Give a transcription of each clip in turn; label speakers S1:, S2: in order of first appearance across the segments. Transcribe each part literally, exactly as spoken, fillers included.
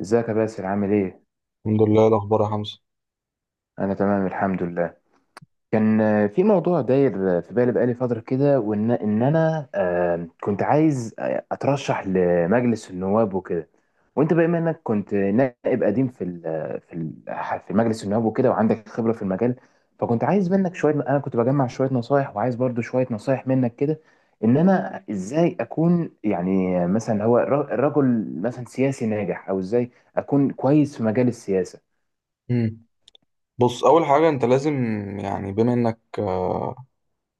S1: ازيك يا باسل عامل ايه؟
S2: الحمد لله. إيه الأخبار يا حمزة؟
S1: انا تمام الحمد لله. كان آه، في موضوع داير آه، في بالي بقالي فترة كده وان ان انا آه، كنت عايز آه، اترشح لمجلس النواب وكده. وانت بما انك كنت نائب قديم في ال- آه، في ال- في مجلس النواب وكده وعندك خبرة في المجال. فكنت عايز منك شوية، انا كنت بجمع شوية نصايح وعايز برضو شوية نصايح منك كده، ان انا ازاي اكون يعني آه، مثلا هو ر- رجل مثلا سياسي ناجح او ازاي اكون كويس في مجال السياسة.
S2: امم بص، أول حاجة أنت لازم، يعني بما إنك آه،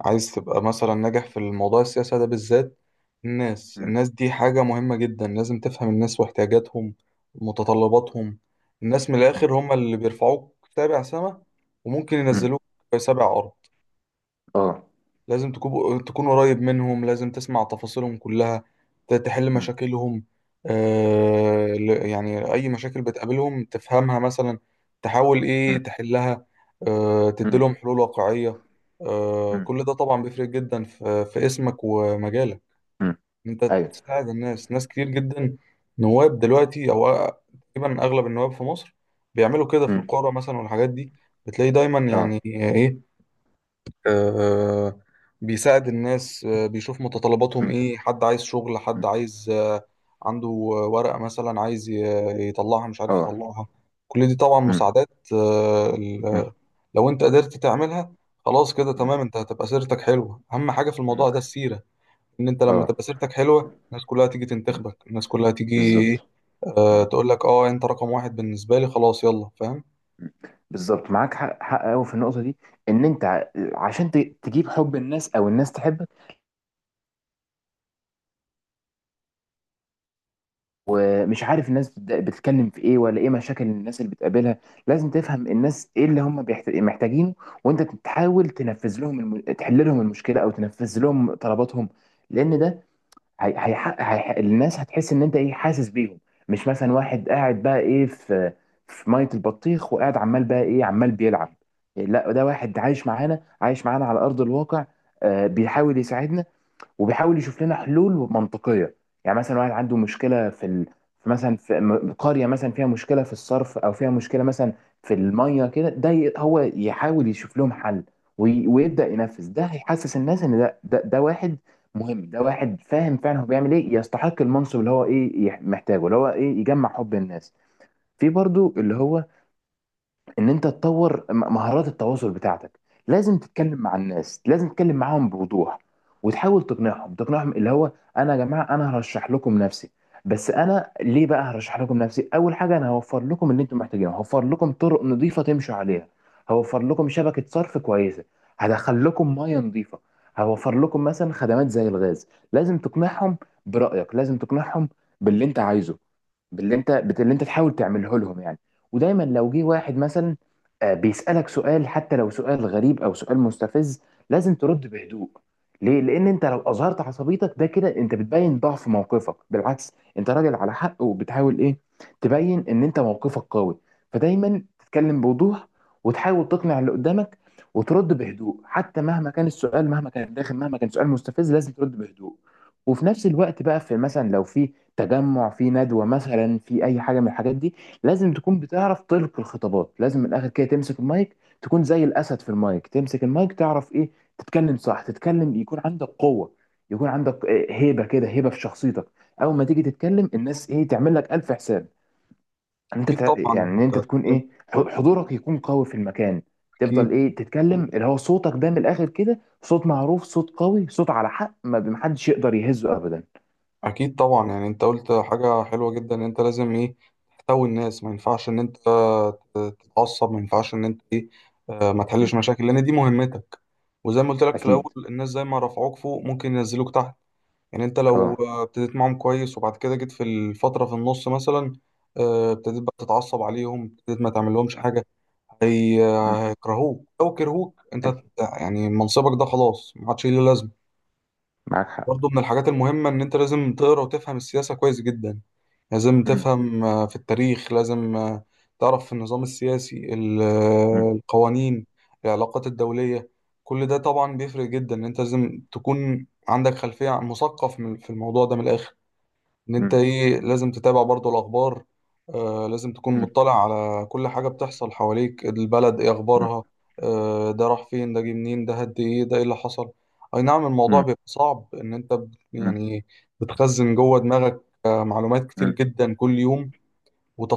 S2: عايز تبقى مثلا ناجح في الموضوع السياسة ده بالذات. الناس الناس دي حاجة مهمة جدا، لازم تفهم الناس واحتياجاتهم ومتطلباتهم. الناس من الآخر
S1: مم.
S2: هم اللي بيرفعوك سابع سما، وممكن
S1: مم.
S2: ينزلوك في سابع أرض.
S1: اه.
S2: لازم تكون تكون قريب منهم، لازم تسمع تفاصيلهم كلها، ت- تحل
S1: مم.
S2: مشاكلهم. آه، ل- يعني أي مشاكل بتقابلهم تفهمها، مثلا تحاول إيه
S1: مم.
S2: تحلها. آه،
S1: مم.
S2: تديلهم حلول واقعية. آه،
S1: مم.
S2: كل ده طبعا بيفرق جدا في في اسمك ومجالك.
S1: مم.
S2: أنت
S1: ايوه.
S2: تساعد الناس، ناس كتير جدا. نواب دلوقتي أو أ- تقريبا أغلب النواب في مصر بيعملوا كده في
S1: مم.
S2: القرى مثلا والحاجات دي. بتلاقي دايما
S1: اه.
S2: يعني إيه، آه، بيساعد الناس، آه، بيشوف متطلباتهم
S1: مم.
S2: ايه، حد عايز شغل،
S1: مم.
S2: حد عايز آه، عنده ورقة مثلا عايز ي- يطلعها، مش عارف
S1: اه.
S2: يطلعها. كل دي طبعا
S1: مم.
S2: مساعدات. آه،
S1: مم.
S2: ال- لو انت قدرت تعملها خلاص، كده
S1: مم.
S2: تمام، انت هتبقى سيرتك حلوة. اهم حاجة في
S1: مم.
S2: الموضوع ده السيرة. ان انت لما
S1: اه.
S2: تبقى سيرتك حلوة الناس كلها تيجي
S1: مم.
S2: تنتخبك، الناس كلها تيجي
S1: بالظبط.
S2: ايه، آه،
S1: مم.
S2: تقول لك اه انت رقم واحد بالنسبة لي، خلاص، يلا، فاهم.
S1: مم. بالظبط، معاك حق، حق قوي في النقطه دي. ان انت ع- عشان ت- تجيب حب الناس او الناس تحبك. ومش عارف الناس بت- بتتكلم في ايه ولا ايه مشاكل الناس اللي بتقابلها. لازم تفهم الناس ايه اللي هم بيحت- محتاجينه. وانت تحاول تنفذ لهم الم... تحل لهم المشكله او تنفذ لهم طلباتهم. لان ده هي هيحقق هيح... الناس هتحس ان انت ايه حاسس بيهم. مش مثلا واحد قاعد بقى ايه في في ميه البطيخ وقاعد عمال بقى ايه عمال بيلعب. لا ده واحد عايش معانا عايش معانا على ارض الواقع. آه بيحاول يساعدنا وبيحاول يشوف لنا حلول منطقيه. يعني مثلا واحد عنده مشكله في ال... في مثلا في م- قريه مثلا فيها مشكله في الصرف او فيها مشكله مثلا في الميه كده. ده ي- هو يحاول يشوف لهم حل وي... ويبدا ينفذ. ده هيحسس الناس ان ده ده, ده واحد مهم، ده واحد فاهم فعلا هو بيعمل ايه، يستحق المنصب اللي هو ايه يح- محتاجه، اللي هو ايه يجمع حب الناس. في برضو اللي هو ان انت تطور م- مهارات التواصل بتاعتك. لازم تتكلم مع الناس، لازم تتكلم معاهم بوضوح. وتحاول تقنعهم تقنعهم اللي هو: انا يا جماعه، انا هرشح لكم نفسي، بس انا ليه بقى هرشح لكم نفسي؟ اول حاجه انا هوفر لكم اللي انتم محتاجينه، هوفر لكم طرق نظيفه تمشوا عليها، هوفر لكم شبكه صرف كويسه، هدخل لكم ميه نظيفه، هوفر لكم مثلا خدمات زي الغاز. لازم تقنعهم، برأيك لازم تقنعهم باللي انت عايزه، باللي انت باللي انت تحاول تعمله لهم يعني. ودايما لو جه واحد مثلا آه، بيسألك سؤال، حتى لو سؤال غريب او سؤال مستفز، لازم ترد بهدوء. ليه؟ لان انت لو اظهرت عصبيتك، ده كده انت بتبين ضعف موقفك. بالعكس، انت راجل على حق وبتحاول ايه؟ تبين ان انت موقفك قوي. فدايما تتكلم بوضوح وتحاول تقنع اللي قدامك وترد بهدوء، حتى مهما كان السؤال، مهما كان داخل، مهما كان سؤال مستفز، لازم ترد بهدوء. وفي نفس الوقت بقى في مثلا لو في تجمع في ندوة مثلا، في اي حاجة من الحاجات دي، لازم تكون بتعرف تلقي الخطابات. لازم من الاخر كده تمسك المايك، تكون زي الاسد في المايك، تمسك المايك تعرف ايه، تتكلم صح، تتكلم يكون عندك قوه، يكون عندك آه، هيبه كده، هيبه في شخصيتك. اول ما تيجي تتكلم الناس ايه تعمل لك الف حساب. ان انت
S2: اكيد
S1: تع-
S2: طبعا
S1: يعني ان
S2: انت
S1: انت تكون
S2: اتكلمت.
S1: ايه ح- حضورك يكون قوي في المكان.
S2: اكيد.
S1: تفضل ايه تتكلم اللي هو صوتك ده من الاخر كده صوت معروف، صوت قوي، صوت على حق، ما محدش يقدر يهزه ابدا.
S2: اكيد طبعا، يعني انت قلت حاجه حلوه جدا، ان انت لازم ايه، تحتوي الناس. ما ينفعش ان انت تتعصب، ما ينفعش ان انت ايه، آه، ما
S1: م.
S2: تحلش مشاكل لان دي مهمتك. وزي ما قلت لك في الاول،
S1: اكيد.
S2: الناس زي ما رفعوك فوق ممكن ينزلوك تحت. يعني انت لو
S1: اه.
S2: آه، ابتديت معاهم كويس وبعد كده جيت في الفتره في النص مثلا آه، ابتديت بقى تتعصب عليهم، ابتديت ما تعملهمش حاجه. هي-
S1: م.
S2: هيكرهوك، لو كرهوك انت
S1: اكيد،
S2: يعني منصبك ده خلاص ما عادش ليه لازمه.
S1: معاك حق.
S2: برضه من الحاجات المهمة إن أنت لازم تقرأ وتفهم السياسة كويس جدا. لازم
S1: م.
S2: تفهم آه، في التاريخ، لازم آه، تعرف في النظام السياسي ال-
S1: م.
S2: آه، القوانين، العلاقات الدولية. كل ده طبعا بيفرق جدا، إن أنت لازم تكون عندك خلفية مثقف من- في الموضوع ده من الآخر. ان انت
S1: م.
S2: ايه، لازم تتابع برضو الاخبار، آه، لازم تكون
S1: م.
S2: مطلع على كل حاجة بتحصل حواليك، البلد ايه
S1: مم.
S2: اخبارها، آه، ده راح فين، ده جه منين، ده هد ايه، ده ايه اللي حصل. اي نعم الموضوع
S1: مم.
S2: بيبقى صعب، ان انت بت-
S1: مم.
S2: يعني بتخزن جوه دماغك آه معلومات كتير جدا كل يوم،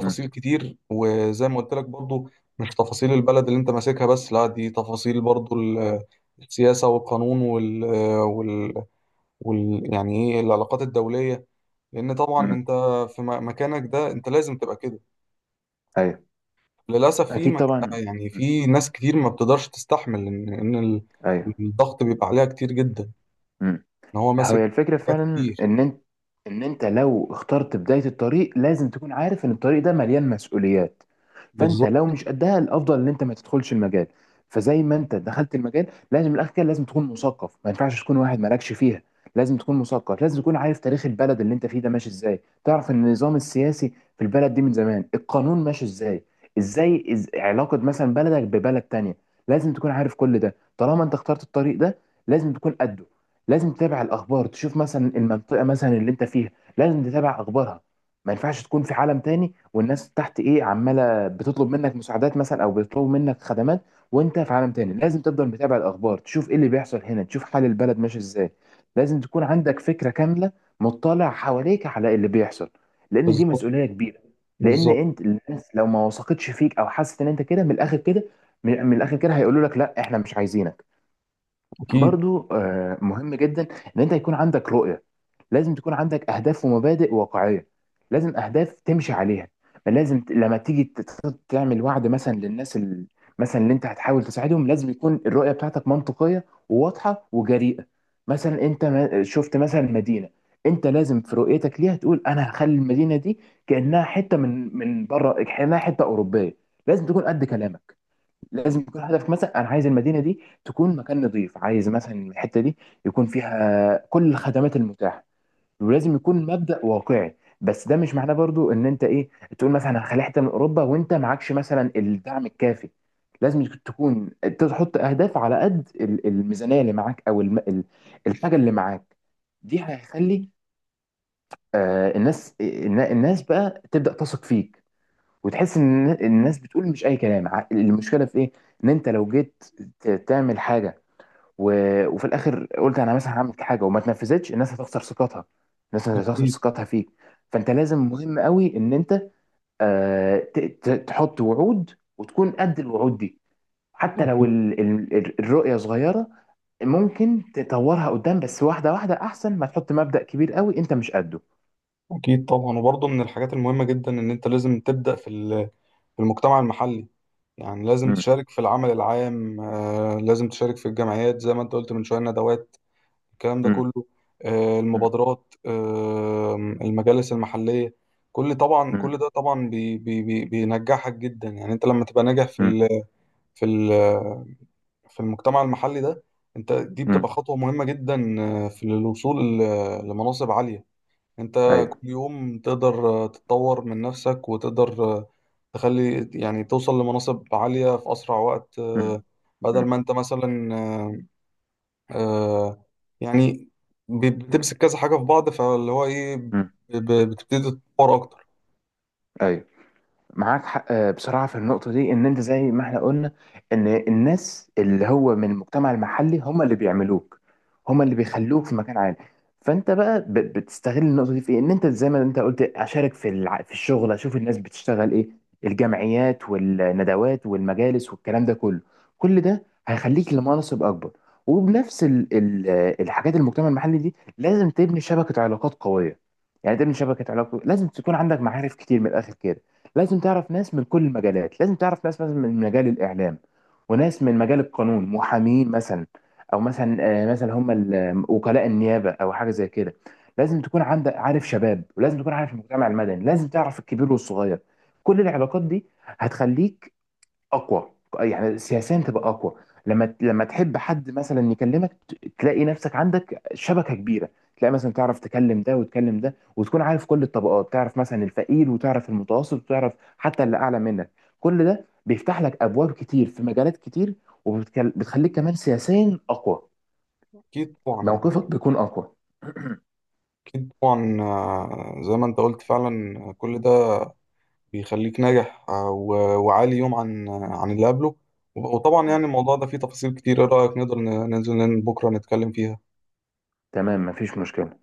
S1: مم.
S2: كتير. وزي ما قلت لك برضو، مش تفاصيل البلد اللي انت ماسكها بس، لا، دي تفاصيل برضو ال- السياسة والقانون، وال, وال... وال... يعني ايه العلاقات الدولية. لان طبعا
S1: مم.
S2: انت في م- مكانك ده انت لازم تبقى كده.
S1: ايوه.
S2: للاسف في
S1: اكيد طبعا.
S2: مكان، يعني
S1: مم.
S2: في ناس كتير ما بتقدرش تستحمل ان ان ال-
S1: ايوه.
S2: الضغط بيبقى عليها كتير جدا،
S1: مم.
S2: ان هو
S1: هو هي
S2: ماسك
S1: الفكرة
S2: حاجات
S1: فعلا
S2: كتير.
S1: ان انت ان انت لو اخترت بداية الطريق لازم تكون عارف ان الطريق ده مليان مسؤوليات. فانت لو
S2: بالظبط،
S1: مش قدها، الافضل ان انت ما تدخلش المجال. فزي ما انت دخلت المجال، لازم من الاخر كده لازم تكون مثقف، ما ينفعش تكون واحد مالكش فيها. لازم تكون مثقف، لازم تكون عارف تاريخ البلد اللي انت فيه ده ماشي ازاي، تعرف ان النظام السياسي في البلد دي من زمان القانون ماشي ازاي، ازاي إز... علاقة مثلا بلدك ببلد تانية. لازم تكون عارف كل ده طالما انت اخترت الطريق ده، لازم تكون قده. لازم تتابع الاخبار، تشوف مثلا المنطقه مثلا اللي انت فيها، لازم تتابع اخبارها. ما ينفعش تكون في عالم تاني والناس تحت ايه عماله بتطلب منك مساعدات مثلا او بيطلبوا منك خدمات وانت في عالم تاني. لازم تفضل متابع الاخبار، تشوف ايه اللي بيحصل هنا، تشوف حال البلد ماشي ازاي. لازم تكون عندك فكره كامله، مطلع حواليك على اللي بيحصل، لان دي
S2: بالظبط،
S1: مسؤوليه كبيره. لان
S2: بالظبط.
S1: انت الناس لو ما وثقتش فيك او حست ان انت كده من الاخر كده، من من الاخر كده هيقولوا لك لا احنا مش عايزينك.
S2: اكيد،
S1: برضو آه، مهم جدا ان انت يكون عندك رؤية. لازم تكون عندك اهداف ومبادئ واقعية، لازم اهداف تمشي عليها. لازم ت- لما تيجي ت- ت- تعمل وعد مثلا للناس، ال... مثلا اللي انت هتحاول تساعدهم، لازم يكون الرؤية بتاعتك منطقية وواضحة وجريئة. مثلا انت ما- شفت مثلا مدينة، انت لازم في رؤيتك ليها تقول انا هخلي المدينة دي كأنها حتة من من بره، كأنها حتة أوروبية. لازم تكون قد كلامك. لازم يكون هدفك مثلا انا عايز المدينه دي تكون مكان نظيف، عايز مثلا الحته دي يكون فيها كل الخدمات المتاحه. ولازم يكون مبدأ واقعي، بس ده مش معناه برضو ان انت ايه تقول مثلا هخلي حته من اوروبا وانت معكش مثلا الدعم الكافي. لازم تكون تحط اهداف على قد ال- الميزانيه اللي معاك او الم- ال- الحاجه اللي معاك. دي هيخلي آه، الناس النا- الناس بقى تبدأ تثق فيك، وتحس ان الناس بتقول مش اي كلام. ع- المشكله في ايه؟ ان انت لو جيت ت- تعمل حاجه، و... وفي الاخر قلت انا مثلا هعمل حاجه وما تنفذتش، الناس هتخسر ثقتها، الناس هتخسر
S2: اكيد،
S1: ثقتها فيك. فانت لازم مهم قوي ان انت آه، ت... ت... تحط وعود وتكون قد الوعود دي. حتى لو
S2: اكيد.
S1: ال... ال... ال- الرؤيه صغيره، ممكن تطورها قدام، بس واحده واحده احسن ما تحط مبدأ كبير قوي انت مش قده.
S2: اكيد طبعا. وبرضه من الحاجات المهمه جدا ان انت لازم تبدا في ال- في المجتمع المحلي. يعني لازم
S1: مم.
S2: تشارك في العمل العام، آه، لازم تشارك في الجمعيات زي ما انت قلت من شويه، ندوات، الكلام ده
S1: مم.
S2: كله، آه،
S1: مم.
S2: المبادرات، آه، المجالس المحلية. كل طبعا
S1: مم.
S2: كل ده طبعا بي بي بي بينجحك جدا. يعني انت لما تبقى ناجح في
S1: مم.
S2: ال في ال في المجتمع المحلي ده، انت دي
S1: مم.
S2: بتبقى خطوة مهمة جدا آه، في الوصول ل- لمناصب عالية. انت
S1: ايوه.
S2: كل يوم تقدر آه، تتطور من نفسك، وتقدر آه، تخلي يعني توصل لمناصب عالية في أسرع وقت. آه،
S1: مم.
S2: بدل ما انت مثلا آه، آه يعني ب- بتمسك كذا حاجة في بعض، فاللي هو إيه ب-
S1: مم.
S2: ب- بتبتدي تتطور أكتر.
S1: ايوه، معاك حق. آه، بصراحه في النقطه دي، ان انت زي ما احنا قلنا، ان الناس اللي هو من المجتمع المحلي هم اللي بيعملوك، هم اللي بيخلوك في مكان عالي. فانت بقى ب- بتستغل النقطه دي في إيه؟ ان انت زي ما انت قلت اشارك في الع... في الشغل، اشوف الناس بتشتغل ايه. الجمعيات والندوات والمجالس والكلام ده كله، كل ده هيخليك لمناصب اكبر. وبنفس ال... ال... آه، الحاجات المجتمع المحلي دي، لازم تبني شبكه علاقات قويه. يعني تبني شبكه علاقات، لازم تكون عندك معارف كتير من الاخر كده. لازم تعرف ناس من كل المجالات، لازم تعرف ناس مثلا من مجال الإعلام، وناس من مجال القانون، محامين مثلا، أو مثلا آه، مثلا هم ال- آه، وكلاء النيابة أو حاجة زي كده. لازم تكون عندك عارف شباب، ولازم تكون عارف المجتمع المدني، لازم تعرف الكبير والصغير. كل العلاقات دي هتخليك اقوى، يعني سياسيا تبقى اقوى. لما لما تحب حد مثلا يكلمك، ت- تلاقي نفسك عندك شبكه كبيره، تلاقي مثلا تعرف تكلم ده وتكلم ده، وتكون عارف كل الطبقات، تعرف مثلا الفقير، وتعرف المتوسط، وتعرف حتى اللي اعلى منك. كل ده بيفتح لك ابواب كتير في مجالات كتير، وبتخليك كمان سياسيا اقوى،
S2: أكيد طبعا، يعني
S1: موقفك بيكون اقوى.
S2: أكيد طبعا، آه، زي ما أنت قلت فعلا، آه، كل ده بيخليك ناجح آه، و- وعالي يوم عن آه، عن اللي قبله. وب- وطبعا يعني الموضوع ده فيه تفاصيل كتير، إيه رأيك نقدر ن- ننزل بكرة نتكلم فيها؟
S1: تمام مفيش مشكله.